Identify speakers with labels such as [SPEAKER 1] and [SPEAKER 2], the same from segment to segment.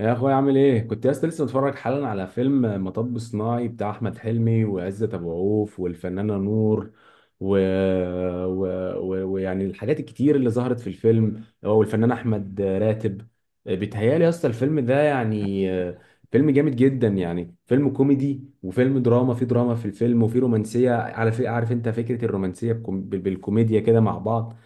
[SPEAKER 1] يا اخويا عامل ايه؟ كنت لسه متفرج حالا على فيلم مطب صناعي بتاع احمد حلمي وعزت ابو عوف والفنانه نور و... و... و... ويعني الحاجات الكتير اللي ظهرت في الفيلم هو والفنان احمد راتب. بيتهيالي يا اسطى الفيلم ده يعني فيلم جامد جدا، يعني فيلم كوميدي وفيلم دراما، في دراما في الفيلم وفي رومانسيه عارف انت فكره الرومانسيه بالكوميديا كده مع بعض.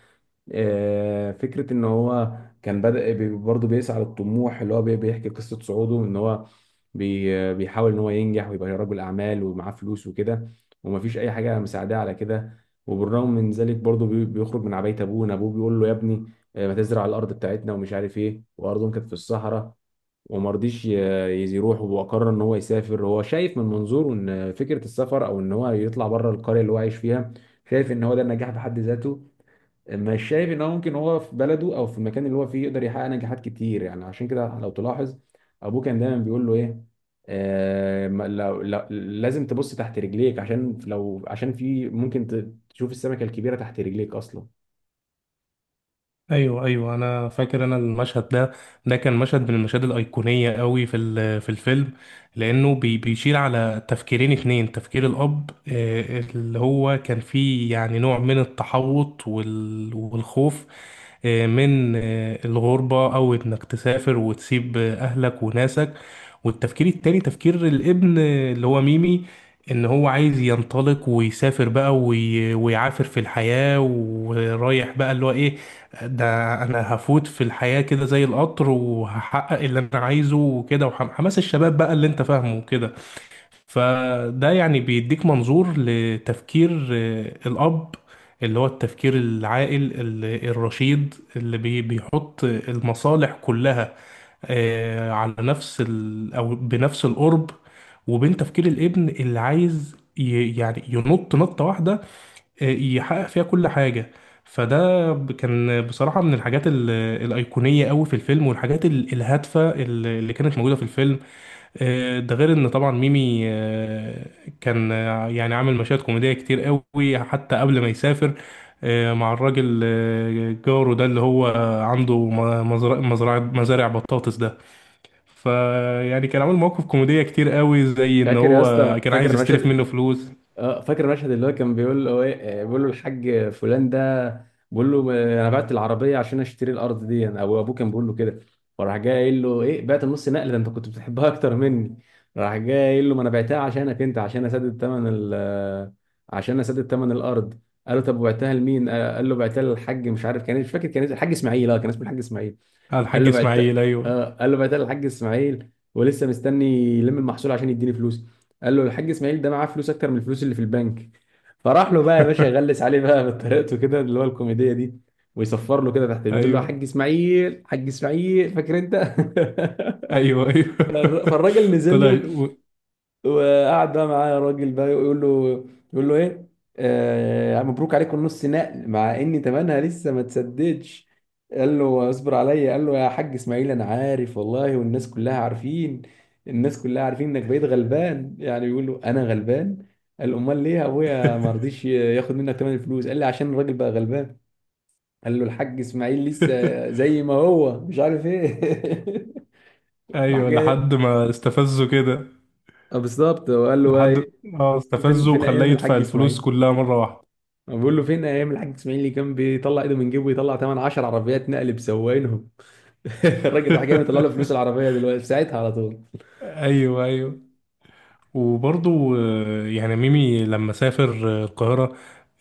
[SPEAKER 1] فكرة ان هو كان بدأ برضه بيسعى للطموح، اللي هو بيحكي قصة صعوده، ان هو بيحاول ان هو ينجح ويبقى رجل اعمال ومعاه فلوس وكده، ومفيش اي حاجة مساعداه على كده. وبالرغم من ذلك برضه بيخرج من عباية ابوه، ان ابوه بيقول له يا ابني ما تزرع الارض بتاعتنا ومش عارف ايه، وارضهم كانت في الصحراء. وما رضيش يروح، وقرر ان هو يسافر. هو شايف من منظوره ان فكرة السفر او ان هو يطلع بره القرية اللي هو عايش فيها، شايف ان هو ده النجاح بحد ذاته. مش شايف ان هو ممكن هو في بلده او في المكان اللي هو فيه يقدر يحقق نجاحات كتير. يعني عشان كده لو تلاحظ ابوه كان دايما بيقول له ايه؟ آه، لازم تبص تحت رجليك، عشان لو عشان في ممكن تشوف السمكة الكبيرة تحت رجليك اصلا.
[SPEAKER 2] ايوه، ايوه، انا فاكر المشهد ده كان مشهد من المشاهد الايقونيه قوي في الفيلم، لانه بيشير على تفكيرين اتنين: تفكير الاب، اللي هو كان فيه يعني نوع من التحوط والخوف من الغربه، او انك تسافر وتسيب اهلك وناسك. والتفكير التاني تفكير الابن، اللي هو ميمي، ان هو عايز ينطلق ويسافر بقى ويعافر في الحياة، ورايح بقى اللي هو ايه، ده انا هفوت في الحياة كده زي القطر، وهحقق اللي انا عايزه وكده، وحماس الشباب بقى اللي انت فاهمه كده. فده يعني بيديك منظور لتفكير الأب، اللي هو التفكير العاقل، الرشيد، اللي بيحط المصالح كلها على نفس ال أو بنفس القرب، وبين تفكير الابن اللي عايز يعني ينط نطة واحدة يحقق فيها كل حاجة. فده كان بصراحة من الحاجات الأيقونية قوي في الفيلم، والحاجات الهادفة اللي كانت موجودة في الفيلم. ده غير ان طبعا ميمي كان يعني عامل مشاهد كوميديه كتير قوي حتى قبل ما يسافر، مع الراجل جاره ده اللي هو عنده م- مزرعه مزرعه مزارع بطاطس ده. فيعني كان عامل مواقف كوميديه كتير قوي، زي ان
[SPEAKER 1] فاكر يا
[SPEAKER 2] هو
[SPEAKER 1] اسطى؟
[SPEAKER 2] كان
[SPEAKER 1] فاكر
[SPEAKER 2] عايز يستلف
[SPEAKER 1] المشهد؟
[SPEAKER 2] منه فلوس
[SPEAKER 1] اه فاكر المشهد اللي هو كان بيقول له ايه، آه، بيقول له الحاج فلان ده، بيقول له آه، انا بعت العربيه عشان اشتري الارض دي، انا او ابوه كان بيقول له كده، وراح جاي قايل له ايه؟ بعت النص نقل ده؟ انت كنت بتحبها اكتر مني. راح جاي قايل له ما انا بعتها عشانك انت، عشان اسدد ثمن ال آه، عشان اسدد ثمن الارض. قال له طب وبعتها لمين؟ آه، قال له بعتها للحاج مش عارف، كان مش فاكر كان اسمه، الحاج اسماعيل، اه كان اسمه الحاج اسماعيل.
[SPEAKER 2] على
[SPEAKER 1] قال
[SPEAKER 2] الحاج
[SPEAKER 1] له
[SPEAKER 2] اسماعيل.
[SPEAKER 1] بعت،
[SPEAKER 2] ايوه.
[SPEAKER 1] اه قال له بعتها الحاج اسماعيل ولسه مستني يلم المحصول عشان يديني فلوس. قال له الحاج اسماعيل ده معاه فلوس اكتر من الفلوس اللي في البنك. فراح له بقى يا باشا يغلس عليه بقى بطريقته كده اللي هو الكوميديه دي، ويصفر له كده تحت البيت يقول له يا
[SPEAKER 2] ايوه،
[SPEAKER 1] حاج اسماعيل، حاج اسماعيل، فاكر انت؟
[SPEAKER 2] ايوه، ايوه.
[SPEAKER 1] فالراجل نزل
[SPEAKER 2] طلع
[SPEAKER 1] له،
[SPEAKER 2] و-
[SPEAKER 1] وقعد بقى معاه الراجل بقى يقول له، يقول له ايه، آه، يعني مبروك عليكم نص نقل، مع ان تمنها لسه ما تسددش. قال له اصبر عليا، قال له يا حاج اسماعيل انا عارف والله، والناس كلها عارفين، الناس كلها عارفين انك بقيت غلبان. يعني بيقول له انا غلبان. قال امال ليه يا ابويا ما رضيش ياخد منك تمن الفلوس؟ قال لي عشان الراجل بقى غلبان. قال له الحاج اسماعيل لسه زي ما هو مش عارف ايه. راح
[SPEAKER 2] ايوه،
[SPEAKER 1] جاي
[SPEAKER 2] لحد ما استفزه كده.
[SPEAKER 1] آه، بالظبط، وقال له بقى
[SPEAKER 2] لحد،
[SPEAKER 1] ايه؟
[SPEAKER 2] اه
[SPEAKER 1] فين
[SPEAKER 2] استفزه،
[SPEAKER 1] فين
[SPEAKER 2] وخلاه
[SPEAKER 1] ايام
[SPEAKER 2] يدفع
[SPEAKER 1] الحاج
[SPEAKER 2] الفلوس
[SPEAKER 1] اسماعيل؟
[SPEAKER 2] كلها مرة واحدة.
[SPEAKER 1] بقول له فين ايام الحاج اسماعيل اللي كان بيطلع ايده من جيبه ويطلع ثمن 10 عربيات نقل بسواقينهم؟ الراجل راح جاي مطلع له فلوس العربيه دلوقتي ساعتها على طول.
[SPEAKER 2] ايوه، ايوه. وبرضو يعني ميمي لما سافر القاهرة،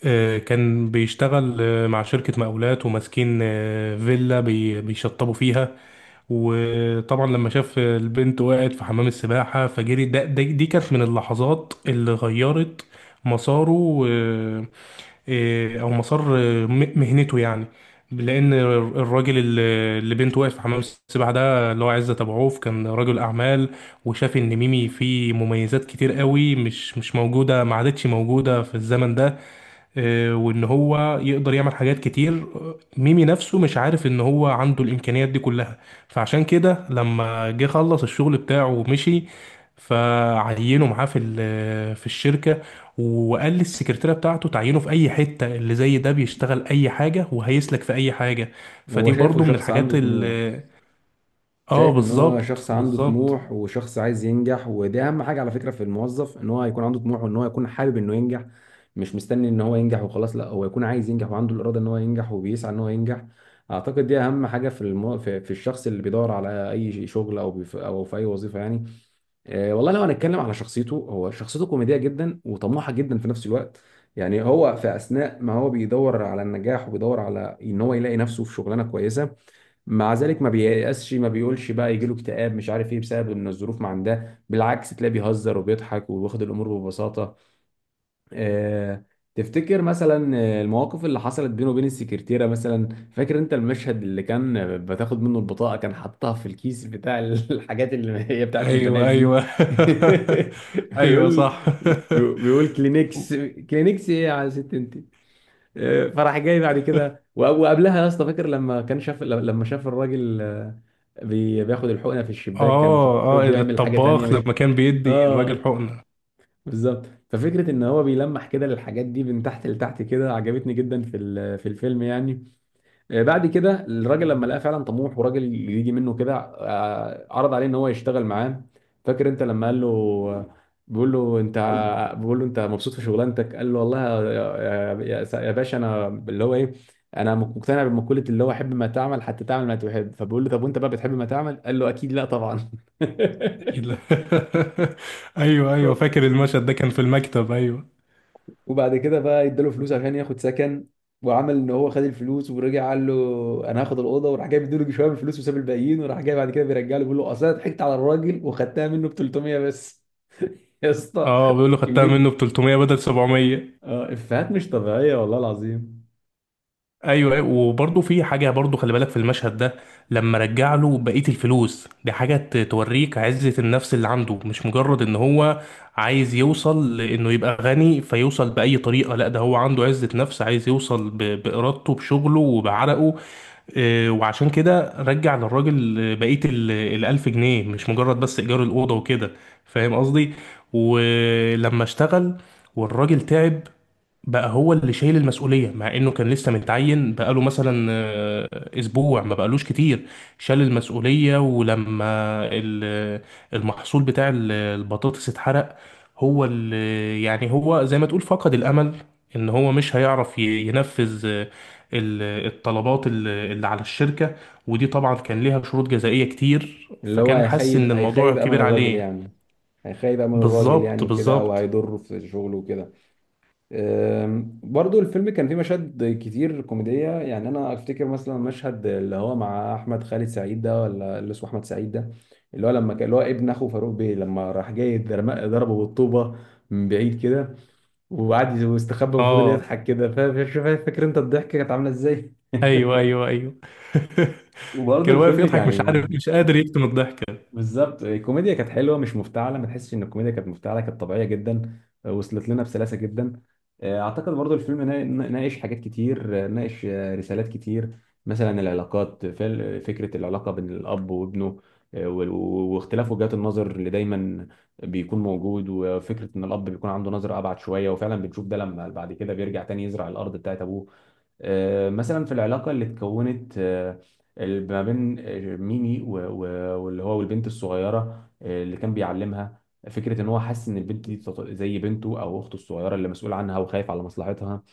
[SPEAKER 2] كان بيشتغل مع شركة مقاولات، وماسكين فيلا بيشطبوا فيها. وطبعا لما شاف البنت وقعت في حمام السباحة فجري دي كانت من اللحظات اللي غيرت مساره، او مسار مهنته يعني. لان الراجل اللي بنته وقف في حمام السباحه ده، اللي هو عزت ابو عوف، كان رجل اعمال، وشاف ان ميمي فيه مميزات كتير قوي مش موجوده، ما عادتش موجوده في الزمن ده، وان هو يقدر يعمل حاجات كتير. ميمي نفسه مش عارف ان هو عنده الامكانيات دي كلها. فعشان كده لما جه خلص الشغل بتاعه ومشي، فعينه معاه في الشركه، وقال للسكرتيره بتاعته تعينه في اي حته، اللي زي ده بيشتغل اي حاجه وهيسلك في اي حاجه.
[SPEAKER 1] هو
[SPEAKER 2] فدي
[SPEAKER 1] شايفه
[SPEAKER 2] برضو من
[SPEAKER 1] شخص عنده
[SPEAKER 2] الحاجات
[SPEAKER 1] طموح،
[SPEAKER 2] اللي… اه،
[SPEAKER 1] شايف ان هو
[SPEAKER 2] بالظبط،
[SPEAKER 1] شخص عنده
[SPEAKER 2] بالظبط.
[SPEAKER 1] طموح وشخص عايز ينجح، ودي اهم حاجه على فكره في الموظف، ان هو يكون عنده طموح وان هو يكون حابب انه ينجح. مش مستني ان هو ينجح وخلاص، لا، هو يكون عايز ينجح وعنده الاراده ان هو ينجح وبيسعى ان هو ينجح. اعتقد دي اهم حاجه في الشخص اللي بيدور على اي شغل او في اي وظيفه يعني. آه، والله لو هنتكلم على شخصيته، هو شخصيته كوميدية جدا وطموحة جدا في نفس الوقت. يعني هو في أثناء ما هو بيدور على النجاح وبيدور على إن هو يلاقي نفسه في شغلانة كويسة، مع ذلك ما بييأسش، ما بيقولش بقى يجيله اكتئاب مش عارف إيه بسبب إن الظروف ما عندها. بالعكس، تلاقيه بيهزر وبيضحك وبياخد الأمور ببساطة. آه، تفتكر مثلا المواقف اللي حصلت بينه وبين السكرتيرة مثلا؟ فاكر انت المشهد اللي كان بتاخد منه البطاقة، كان حاطها في الكيس بتاع الحاجات اللي هي بتاعت البنات
[SPEAKER 2] ايوه،
[SPEAKER 1] دي
[SPEAKER 2] ايوه. ايوه،
[SPEAKER 1] بيقول،
[SPEAKER 2] صح.
[SPEAKER 1] بيقول كلينكس. كلينكس ايه يا ست انت؟ فراح جاي بعد كده وقبلها يا اسطى فاكر لما كان شاف، لما شاف الراجل آه، بياخد الحقنة في الشباك، كان فكره
[SPEAKER 2] اه، اه،
[SPEAKER 1] بيعمل حاجة تانية
[SPEAKER 2] الطباخ
[SPEAKER 1] مش،
[SPEAKER 2] لما كان بيدي
[SPEAKER 1] اه
[SPEAKER 2] الراجل حقنة.
[SPEAKER 1] بالظبط. ففكره ان هو بيلمح كده للحاجات دي من تحت لتحت، كده عجبتني جدا في الفيلم يعني. بعد كده الراجل لما لقاه فعلا طموح وراجل يجي منه كده، آه، عرض عليه ان هو يشتغل معاه. فاكر انت لما قال له، بيقول له انت، بيقول له انت مبسوط في شغلانتك؟ قال له والله يا باشا انا اللي هو ايه، انا مقتنع بمقوله اللي هو حب ما تعمل حتى تعمل ما تحب. فبيقول له طب وانت بقى بتحب ما تعمل؟ قال له اكيد لا طبعا.
[SPEAKER 2] اكيد لا. ايوه، ايوه، فاكر المشهد ده، كان في المكتب، ايوه.
[SPEAKER 1] وبعد كده بقى اداله فلوس عشان ياخد سكن، وعمل ان هو خد الفلوس ورجع قال له انا هاخد الاوضه، وراح جاي بيديله شويه من الفلوس وساب الباقيين، وراح جاي بعد كده بيرجع له بيقول له اصل انا ضحكت على الراجل وخدتها منه ب 300 بس. يا اسطى
[SPEAKER 2] اه، بيقول له خدتها منه
[SPEAKER 1] كميه
[SPEAKER 2] ب 300 بدل 700.
[SPEAKER 1] افيهات مش طبيعيه والله العظيم.
[SPEAKER 2] ايوه، أيوة، وبرضه في حاجه، برضه خلي بالك في المشهد ده. لما رجع له بقيه الفلوس، دي حاجه توريك عزه النفس اللي عنده، مش مجرد ان هو عايز يوصل لانه يبقى غني فيوصل باي طريقه. لا، ده هو عنده عزه نفس، عايز يوصل بارادته، بشغله، وبعرقه. وعشان كده رجع للراجل بقية الألف جنيه، مش مجرد بس إيجار الأوضة وكده. فاهم قصدي؟ ولما اشتغل والراجل تعب، بقى هو اللي شايل المسؤولية، مع انه كان لسه متعين بقاله مثلا اسبوع، ما بقالوش كتير. شال المسؤولية، ولما ال- المحصول بتاع البطاطس اتحرق، هو اللي يعني هو زي ما تقول فقد الامل ان هو مش هيعرف ينفذ الطلبات اللي على الشركة. ودي طبعا كان ليها شروط جزائية كتير،
[SPEAKER 1] اللي هو
[SPEAKER 2] فكان حاسس ان الموضوع
[SPEAKER 1] هيخيب امل
[SPEAKER 2] كبير
[SPEAKER 1] الراجل
[SPEAKER 2] عليه.
[SPEAKER 1] يعني، هيخيب امل الراجل
[SPEAKER 2] بالظبط،
[SPEAKER 1] يعني وكده، او
[SPEAKER 2] بالظبط.
[SPEAKER 1] هيضره في شغله وكده. برضو الفيلم كان فيه مشاهد كتير كوميدية، يعني أنا أفتكر مثلا مشهد اللي هو مع أحمد خالد سعيد ده، ولا اللي اسمه أحمد سعيد ده، اللي هو لما كان اللي هو ابن أخو فاروق بيه لما راح جاي ضربه بالطوبة من بعيد كده، وقعد يستخبى وفضل
[SPEAKER 2] اه،
[SPEAKER 1] يضحك كده، شوف فاكر أنت الضحكة كانت عاملة إزاي؟
[SPEAKER 2] ايوه، ايوه، ايوه.
[SPEAKER 1] وبرضو
[SPEAKER 2] كان واقف
[SPEAKER 1] الفيلم
[SPEAKER 2] يضحك، مش
[SPEAKER 1] يعني
[SPEAKER 2] عارف، مش قادر يكتم الضحكه.
[SPEAKER 1] بالظبط الكوميديا كانت حلوه مش مفتعله، ما تحسش ان الكوميديا كانت مفتعله، كانت طبيعيه جدا. آه، وصلت لنا بسلاسه جدا. اعتقد برضو الفيلم ناقش حاجات كتير، آه، ناقش آه، رسالات كتير. مثلا العلاقات، فكره العلاقه بين الاب وابنه واختلاف وجهات النظر اللي دايما بيكون موجود، وفكره ان الاب بيكون عنده نظره ابعد شويه، وفعلا بنشوف ده لما بعد كده بيرجع تاني يزرع الارض بتاعت ابوه. مثلا في العلاقة اللي اتكونت، آه، ما بين آه، ميمي واللي هو والبنت الصغيرة آه، اللي كان بيعلمها، فكرة ان هو حاسس ان البنت دي زي بنته او اخته الصغيرة اللي مسؤول عنها وخايف على مصلحتها.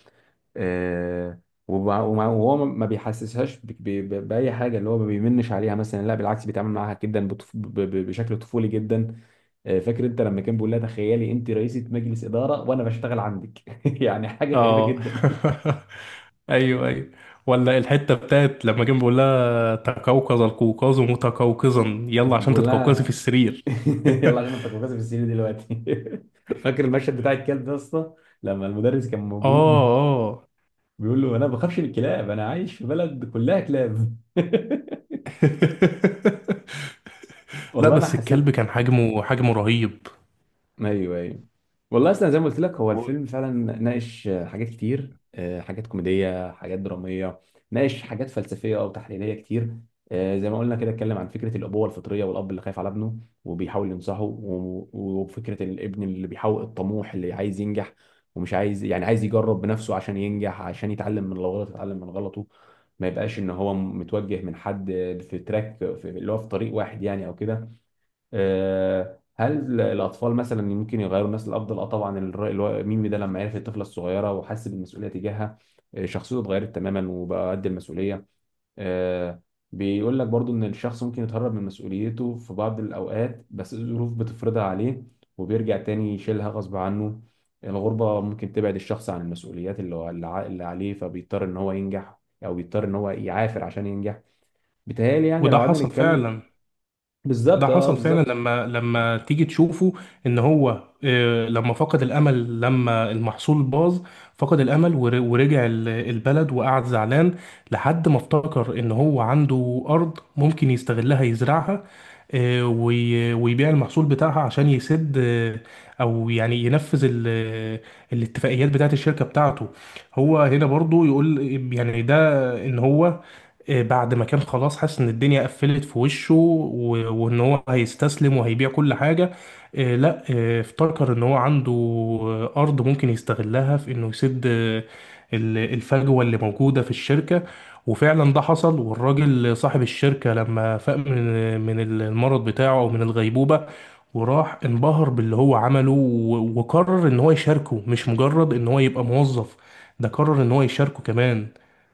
[SPEAKER 1] آه، وهو ما بيحسسهاش بأي حاجة، اللي هو ما بيمنش عليها مثلا، لا، بالعكس، بيتعامل معاها جدا بشكل طفولي جدا. آه، فاكر انت لما كان بيقول لها تخيلي انت رئيسة مجلس إدارة وانا بشتغل عندك؟ يعني حاجة غريبة
[SPEAKER 2] اه.
[SPEAKER 1] جدا.
[SPEAKER 2] ايوه، ايوه. ولا الحته بتاعت لما كان بيقول لها تقوقظ القوقاز متقوقظا، يلا عشان
[SPEAKER 1] بقول
[SPEAKER 2] تتقوقظي في
[SPEAKER 1] لها
[SPEAKER 2] السرير.
[SPEAKER 1] يلا عشان انت كوكاز في السرير دلوقتي. فاكر المشهد بتاع الكلب ده يا اسطى؟ لما المدرس كان
[SPEAKER 2] اه،
[SPEAKER 1] موجود
[SPEAKER 2] اه.
[SPEAKER 1] بيقول له انا ما بخافش من الكلاب، انا عايش في بلد كلها كلاب.
[SPEAKER 2] لا،
[SPEAKER 1] والله انا
[SPEAKER 2] بس الكلب
[SPEAKER 1] حسيت.
[SPEAKER 2] كان حجمه، حجمه رهيب.
[SPEAKER 1] ايوه ايوه. والله اصلا زي ما قلت لك هو
[SPEAKER 2] و-
[SPEAKER 1] الفيلم فعلا ناقش آه، حاجات كتير، آه، حاجات كوميديه، حاجات دراميه، ناقش حاجات فلسفيه او تحليليه كتير. آه، زي ما قلنا كده اتكلم عن فكره الابوه الفطريه، والاب اللي خايف على ابنه وبيحاول ينصحه، وفكره الابن اللي بيحاول الطموح اللي عايز ينجح، ومش عايز، يعني عايز يجرب بنفسه عشان ينجح، عشان يتعلم من غلطه، يتعلم من غلطه، ما يبقاش ان هو متوجه من حد، في تراك في اللي هو في طريق واحد يعني او كده. آه، هل الاطفال مثلا ممكن يغيروا الناس للافضل؟ اه طبعا، ميمي ده لما عرف الطفله الصغيره وحس بالمسؤوليه تجاهها، آه، شخصيته اتغيرت تماما وبقى قد المسؤوليه. آه، بيقول لك برضو ان الشخص ممكن يتهرب من مسؤوليته في بعض الاوقات، بس الظروف بتفرضها عليه وبيرجع تاني يشيلها غصب عنه. الغربه ممكن تبعد الشخص عن المسؤوليات اللي عليه، فبيضطر ان هو ينجح، او بيضطر ان هو يعافر عشان ينجح. بيتهيألي يعني لو
[SPEAKER 2] وده
[SPEAKER 1] قعدنا
[SPEAKER 2] حصل
[SPEAKER 1] نتكلم،
[SPEAKER 2] فعلا. ده
[SPEAKER 1] بالظبط، اه
[SPEAKER 2] حصل فعلا،
[SPEAKER 1] بالظبط
[SPEAKER 2] لما تيجي تشوفه ان هو لما فقد الامل، لما المحصول باظ، فقد الامل ورجع البلد وقعد زعلان، لحد ما افتكر ان هو عنده ارض ممكن يستغلها يزرعها، ويبيع المحصول بتاعها عشان يسد او يعني ينفذ الاتفاقيات بتاعت الشركة بتاعته. هو هنا برضو يقول يعني ده ان هو بعد ما كان خلاص حاسس ان الدنيا قفلت في وشه، وان هو هيستسلم وهيبيع كل حاجة، لا، افتكر ان هو عنده ارض ممكن يستغلها في انه يسد الفجوة اللي موجودة في الشركة. وفعلا ده حصل، والراجل صاحب الشركة لما فاق من المرض بتاعه او من الغيبوبة، وراح انبهر باللي هو عمله، وقرر ان هو يشاركه، مش مجرد ان هو يبقى موظف، ده قرر ان هو يشاركه كمان.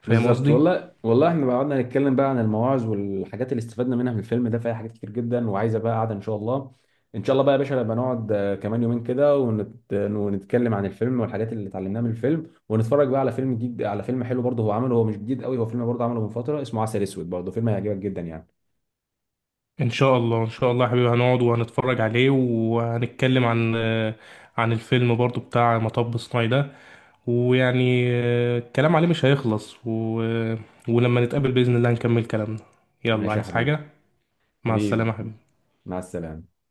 [SPEAKER 2] فاهم
[SPEAKER 1] بالظبط،
[SPEAKER 2] قصدي؟
[SPEAKER 1] والله والله احنا بقى قعدنا نتكلم بقى عن المواعظ والحاجات اللي استفدنا منها من الفيلم ده، فيها حاجات كتير جدا، وعايزه بقى قعده ان شاء الله. ان شاء الله بقى يا باشا نبقى نقعد آه، كمان يومين كده ونتكلم عن الفيلم والحاجات اللي اتعلمناها من الفيلم، ونتفرج بقى على فيلم جديد، على فيلم حلو برضه هو عمله، هو مش جديد قوي، هو فيلم برضه عمله من فتره، اسمه عسل اسود، برضه فيلم هيعجبك جدا يعني.
[SPEAKER 2] ان شاء الله، ان شاء الله يا حبيبي، هنقعد وهنتفرج عليه، وهنتكلم عن عن الفيلم برضو بتاع مطب صناعي ده. ويعني الكلام عليه مش هيخلص ولما نتقابل بإذن الله نكمل كلامنا. يلا،
[SPEAKER 1] ماشي يا
[SPEAKER 2] عايز
[SPEAKER 1] حبيبي.
[SPEAKER 2] حاجة؟ مع السلامة
[SPEAKER 1] حبيبي،
[SPEAKER 2] يا حبيبي.
[SPEAKER 1] مع السلامه.